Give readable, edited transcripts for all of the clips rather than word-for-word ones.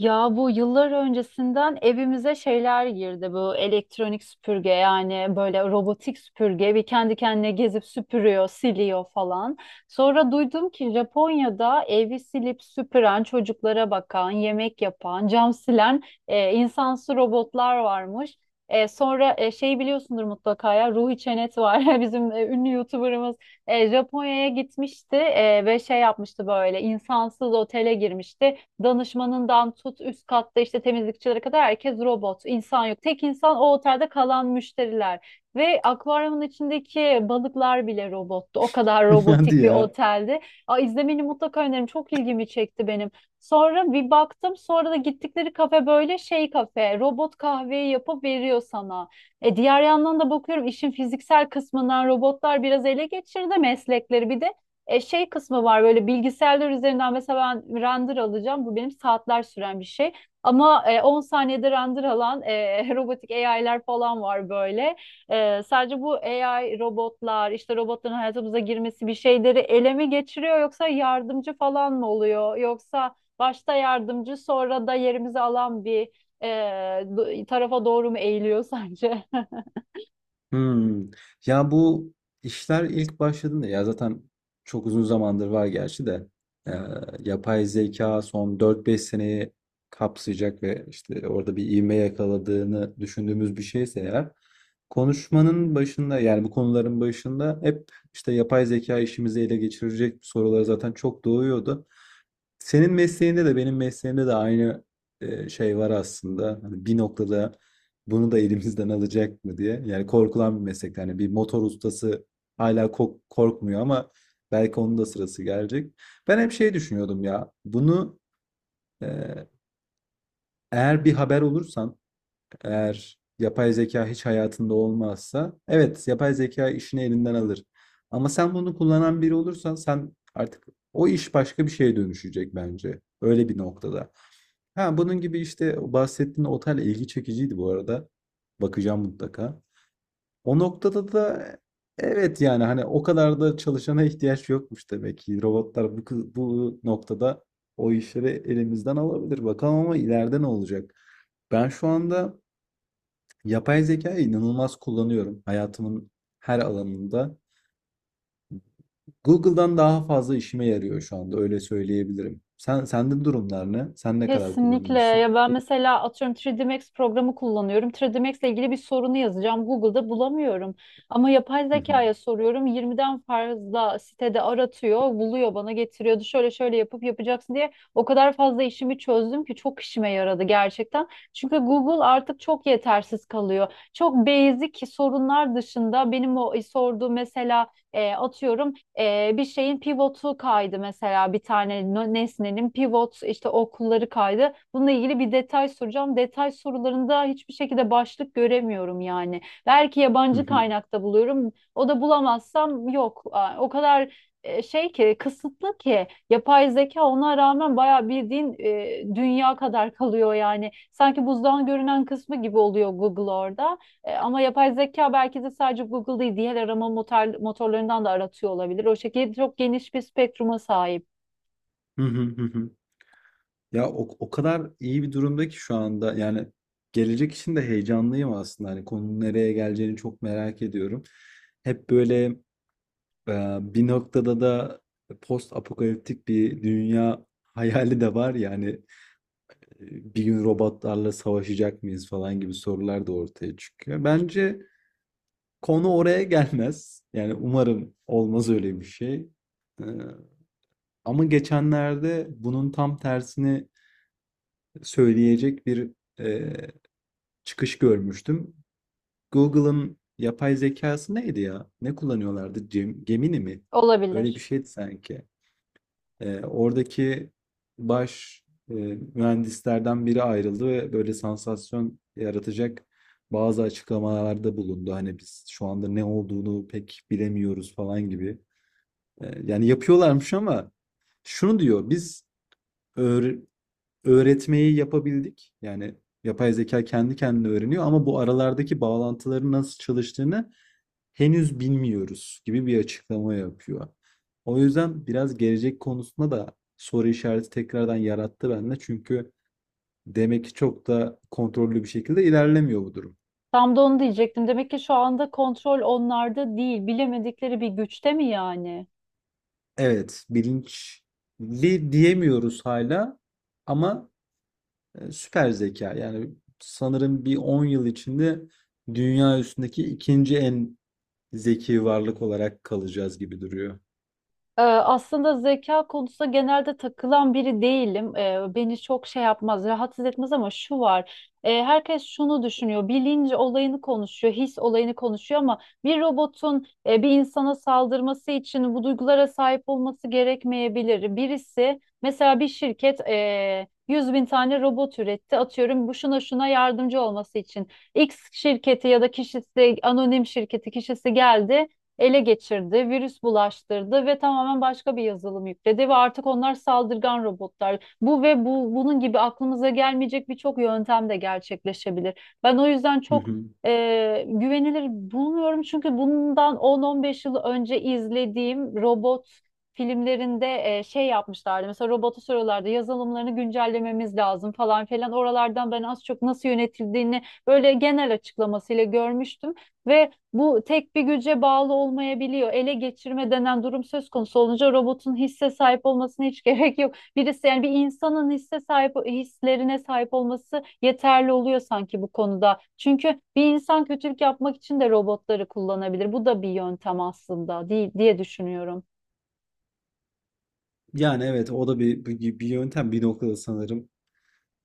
Ya bu yıllar öncesinden evimize şeyler girdi bu elektronik süpürge yani böyle robotik süpürge bir kendi kendine gezip süpürüyor, siliyor falan. Sonra duydum ki Japonya'da evi silip süpüren, çocuklara bakan, yemek yapan, cam silen insansı robotlar varmış. Sonra şey biliyorsundur mutlaka ya Ruhi Çenet var bizim ünlü YouTuber'ımız Japonya'ya gitmişti ve şey yapmıştı böyle insansız otele girmişti. Danışmanından tut üst katta işte temizlikçilere kadar herkes robot. İnsan yok. Tek insan o otelde kalan müşteriler. Ve akvaryumun içindeki balıklar bile robottu. O kadar Hadi robotik bir ya. oteldi. Aa, izlemeni mutlaka öneririm. Çok ilgimi çekti benim. Sonra bir baktım, sonra da gittikleri kafe böyle şey kafe robot kahveyi yapıp veriyor sana. E diğer yandan da bakıyorum işin fiziksel kısmından robotlar biraz ele geçirdi meslekleri, bir de şey kısmı var böyle bilgisayarlar üzerinden mesela ben render alacağım. Bu benim saatler süren bir şey. Ama 10 saniyede render alan robotik AI'ler falan var böyle. E, sadece bu AI robotlar işte robotların hayatımıza girmesi bir şeyleri ele mi geçiriyor yoksa yardımcı falan mı oluyor? Yoksa başta yardımcı sonra da yerimizi alan bir e, tarafa doğru mu eğiliyor sence? Hımm. Ya, bu işler ilk başladığında ya, zaten çok uzun zamandır var gerçi de, eee, yapay zeka son dört beş seneyi kapsayacak ve, işte, orada bir ivme yakaladığını düşündüğümüz bir şeyse eğer, konuşmanın başında, yani, bu konuların başında hep, işte, yapay zeka işimizi ele geçirecek sorular zaten çok doğuyordu. Senin mesleğinde de benim mesleğimde de aynı şey var aslında. Hani bir noktada bunu da elimizden alacak mı diye. Yani korkulan bir meslek. Yani bir motor ustası hala korkmuyor ama belki onun da sırası gelecek. Ben hep şey düşünüyordum ya. Bunu e, eğer bir haber olursan, eğer yapay zeka hiç hayatında olmazsa, evet yapay zeka işini elinden alır. Ama sen bunu kullanan biri olursan sen artık o iş başka bir şeye dönüşecek bence. Öyle bir noktada. Ha, bunun gibi işte bahsettiğin otel ilgi çekiciydi bu arada. Bakacağım mutlaka. O noktada da evet yani hani o kadar da çalışana ihtiyaç yokmuş demek ki. Robotlar bu, bu noktada o işleri elimizden alabilir. Bakalım ama ileride ne olacak? Ben şu anda yapay zekayı inanılmaz kullanıyorum hayatımın her alanında. Google'dan daha fazla işime yarıyor şu anda öyle söyleyebilirim. Sen sende durumlar ne? Sen ne kadar Kesinlikle. kullanıyorsun? Ya ben mesela atıyorum 3D Max programı kullanıyorum. 3D Max ile ilgili bir sorunu yazacağım. Google'da bulamıyorum. Ama yapay Hı hı. zekaya soruyorum. 20'den fazla sitede aratıyor, buluyor bana getiriyordu. Şöyle şöyle yapıp yapacaksın diye o kadar fazla işimi çözdüm ki çok işime yaradı gerçekten. Çünkü Google artık çok yetersiz kalıyor. Çok basic sorunlar dışında benim o sorduğu mesela atıyorum bir şeyin pivotu kaydı, mesela bir tane nesnenin pivot işte okulları kaydı. Bununla ilgili bir detay soracağım. Detay sorularında hiçbir şekilde başlık göremiyorum yani. Belki Hı yabancı hı. kaynakta buluyorum. O da bulamazsam yok. Aa, o kadar şey ki, kısıtlı ki yapay zeka ona rağmen bayağı bildiğin dünya kadar kalıyor yani. Sanki buzdan görünen kısmı gibi oluyor Google orada. E, ama yapay zeka belki de sadece Google değil diğer arama motorlarından da aratıyor olabilir. O şekilde çok geniş bir spektruma sahip Hı hı hı hı. Ya o kadar iyi bir durumda ki şu anda yani gelecek için de heyecanlıyım aslında. Hani konunun nereye geleceğini çok merak ediyorum. Hep böyle bir noktada da post apokaliptik bir dünya hayali de var ya hani bir gün robotlarla savaşacak mıyız falan gibi sorular da ortaya çıkıyor. Bence konu oraya gelmez. Yani umarım olmaz öyle bir şey. E, ama geçenlerde bunun tam tersini söyleyecek bir çıkış görmüştüm. Google'ın yapay zekası neydi ya? Ne kullanıyorlardı? Gemini mi? Öyle bir olabilir. şeydi sanki. Oradaki baş e, mühendislerden biri ayrıldı ve böyle sansasyon yaratacak bazı açıklamalarda bulundu. Hani biz şu anda ne olduğunu pek bilemiyoruz falan gibi. Yani yapıyorlarmış ama şunu diyor, biz öğre- öğretmeyi yapabildik. Yani yapay zeka kendi kendine öğreniyor ama bu aralardaki bağlantıların nasıl çalıştığını henüz bilmiyoruz gibi bir açıklama yapıyor. O yüzden biraz gelecek konusunda da soru işareti tekrardan yarattı bende. Çünkü demek ki çok da kontrollü bir şekilde ilerlemiyor bu durum. Tam da onu diyecektim. Demek ki şu anda kontrol onlarda değil. Bilemedikleri bir güçte mi yani? Evet, bilinçli diyemiyoruz hala ama süper zeka. Yani sanırım bir 10 yıl içinde dünya üstündeki ikinci en zeki varlık olarak kalacağız gibi duruyor. Aslında zeka konusunda genelde takılan biri değilim. Beni çok şey yapmaz, rahatsız etmez ama şu var. Herkes şunu düşünüyor. Bilinç olayını konuşuyor, his olayını konuşuyor ama bir robotun bir insana saldırması için bu duygulara sahip olması gerekmeyebilir. Birisi mesela bir şirket 100 bin tane robot üretti. Atıyorum bu şuna şuna yardımcı olması için. X şirketi ya da kişisi, anonim şirketi kişisi geldi, ele geçirdi, virüs bulaştırdı ve tamamen başka bir yazılım yükledi ve artık onlar saldırgan robotlar. Bu ve bu bunun gibi aklımıza gelmeyecek birçok yöntem de gerçekleşebilir. Ben o yüzden Hı çok hı. Güvenilir bulmuyorum çünkü bundan 10-15 yıl önce izlediğim robot filmlerinde şey yapmışlardı. Mesela robotu soruyorlardı, yazılımlarını güncellememiz lazım falan filan. Oralardan ben az çok nasıl yönetildiğini böyle genel açıklamasıyla görmüştüm ve bu tek bir güce bağlı olmayabiliyor. Ele geçirme denen durum söz konusu olunca robotun hisse sahip olmasına hiç gerek yok. Birisi, yani bir insanın hisse sahip hislerine sahip olması yeterli oluyor sanki bu konuda. Çünkü bir insan kötülük yapmak için de robotları kullanabilir. Bu da bir yöntem aslında, değil diye düşünüyorum. Yani evet o da bir yöntem bir noktada sanırım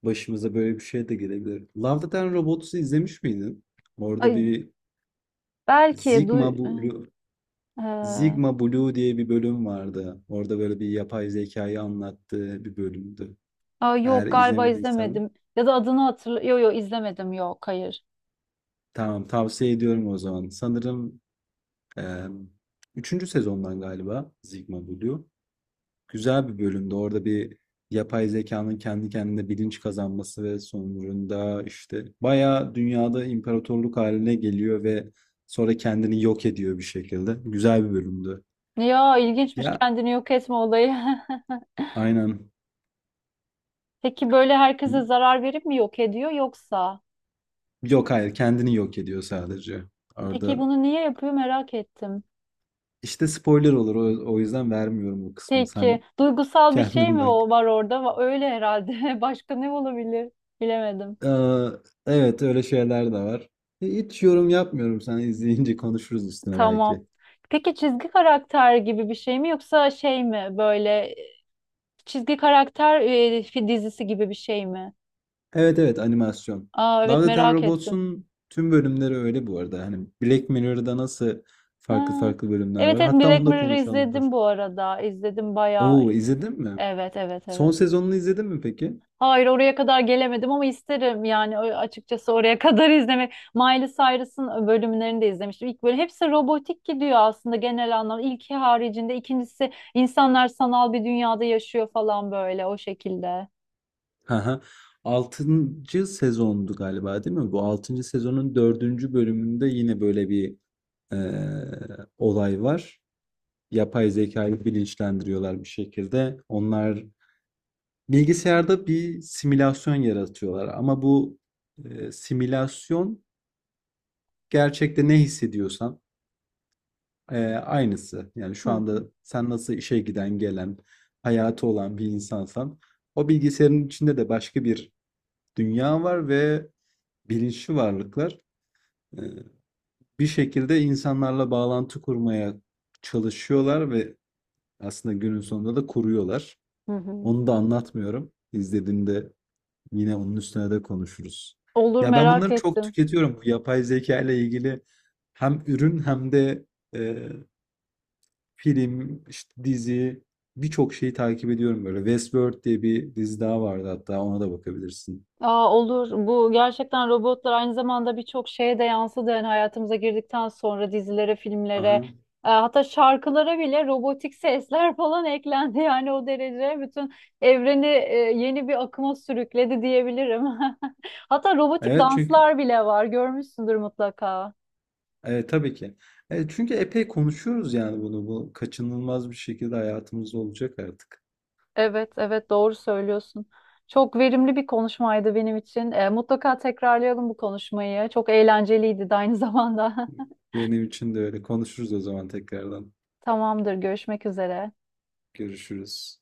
başımıza böyle bir şey de gelebilir. Love Death and Robots'u izlemiş miydin? Orada Ay, bir belki Sigma du Blue Ee, Sigma Blue diye bir bölüm vardı. Orada böyle bir yapay zekayı anlattığı bir bölümdü. aa, Eğer yok galiba izlemediysen izlemedim. Ya da adını hatırla. Yok yok izlemedim. Yok hayır. tamam tavsiye ediyorum o zaman. Sanırım eee üçüncü sezondan galiba Sigma Blue. Güzel bir bölümde. Orada bir yapay zekanın kendi kendine bilinç kazanması ve sonucunda işte bayağı dünyada imparatorluk haline geliyor ve sonra kendini yok ediyor bir şekilde. Güzel bir bölümdü. Ya ilginçmiş Ya kendini yok etme olayı. aynen. Peki böyle herkese zarar verip mi yok ediyor yoksa? Yok hayır kendini yok ediyor sadece. Peki Orada bunu niye yapıyor, merak ettim. işte spoiler olur o yüzden vermiyorum bu kısmını. Peki Sen duygusal bir şey kendin mi bak. o var orada? Va- öyle herhalde. Başka ne olabilir? Bilemedim. Ee, evet öyle şeyler de var. E, hiç yorum yapmıyorum. Sen izleyince konuşuruz üstüne Tamam. belki. Peki çizgi karakter gibi bir şey mi yoksa şey mi böyle çizgi karakter dizisi gibi bir şey mi? Evet evet animasyon. Aa Love, evet Death and merak ettim. Robots'un tüm bölümleri öyle bu arada. Hani Black Mirror'da nasıl farklı Ha. farklı bölümler Evet var. evet Hatta Black onu da Mirror'ı konuşalım dur. izledim bu arada. İzledim bayağı. Oo izledin mi? Evet evet Son evet. sezonunu izledin mi peki? Hayır oraya kadar gelemedim ama isterim yani ö- açıkçası oraya kadar izlemek. Miley Cyrus'ın bölümlerini de izlemiştim. İlk böyle hepsi robotik gidiyor aslında genel anlamda. İlki haricinde ikincisi insanlar sanal bir dünyada yaşıyor falan böyle o şekilde. Haha. Altıncı sezondu galiba değil mi? Bu altıncı sezonun dördüncü bölümünde yine böyle bir olay var. Yapay zekayı bilinçlendiriyorlar bir şekilde. Onlar bilgisayarda bir simülasyon yaratıyorlar. Ama bu simülasyon gerçekte ne hissediyorsan, aynısı. Yani, Hı şu hı. anda sen nasıl işe giden, gelen, hayatı olan bir insansan o bilgisayarın içinde de başka bir dünya var ve bilinçli varlıklar, eee, bir şekilde insanlarla bağlantı kurmaya çalışıyorlar ve aslında günün sonunda da kuruyorlar. Hı hı. Onu da anlatmıyorum. İzlediğinde yine onun üstüne de konuşuruz. Olur, Ya, ben merak bunları çok ettim. tüketiyorum. Bu yapay zeka ile ilgili hem ürün hem de, eee film, işte dizi, birçok şeyi takip ediyorum böyle. Westworld diye bir dizi daha vardı hatta ona da bakabilirsin. Aa, olur. Bu gerçekten robotlar aynı zamanda birçok şeye de yansıdı. Yani hayatımıza girdikten sonra dizilere, filmlere, Aha. Hatta şarkılara bile robotik sesler falan eklendi. Yani o derece bütün evreni yeni bir akıma sürükledi diyebilirim. Hatta robotik Evet çünkü danslar bile var. Görmüşsündür mutlaka. evet, tabii ki. Evet, çünkü epey konuşuyoruz yani bunu. Bu kaçınılmaz bir şekilde hayatımızda olacak artık. Evet, evet doğru söylüyorsun. Çok verimli bir konuşmaydı benim için. E, mutlaka tekrarlayalım bu konuşmayı. Çok eğlenceliydi de aynı zamanda. Benim için de öyle. Konuşuruz o zaman tekrardan. Tamamdır, görüşmek üzere. Görüşürüz.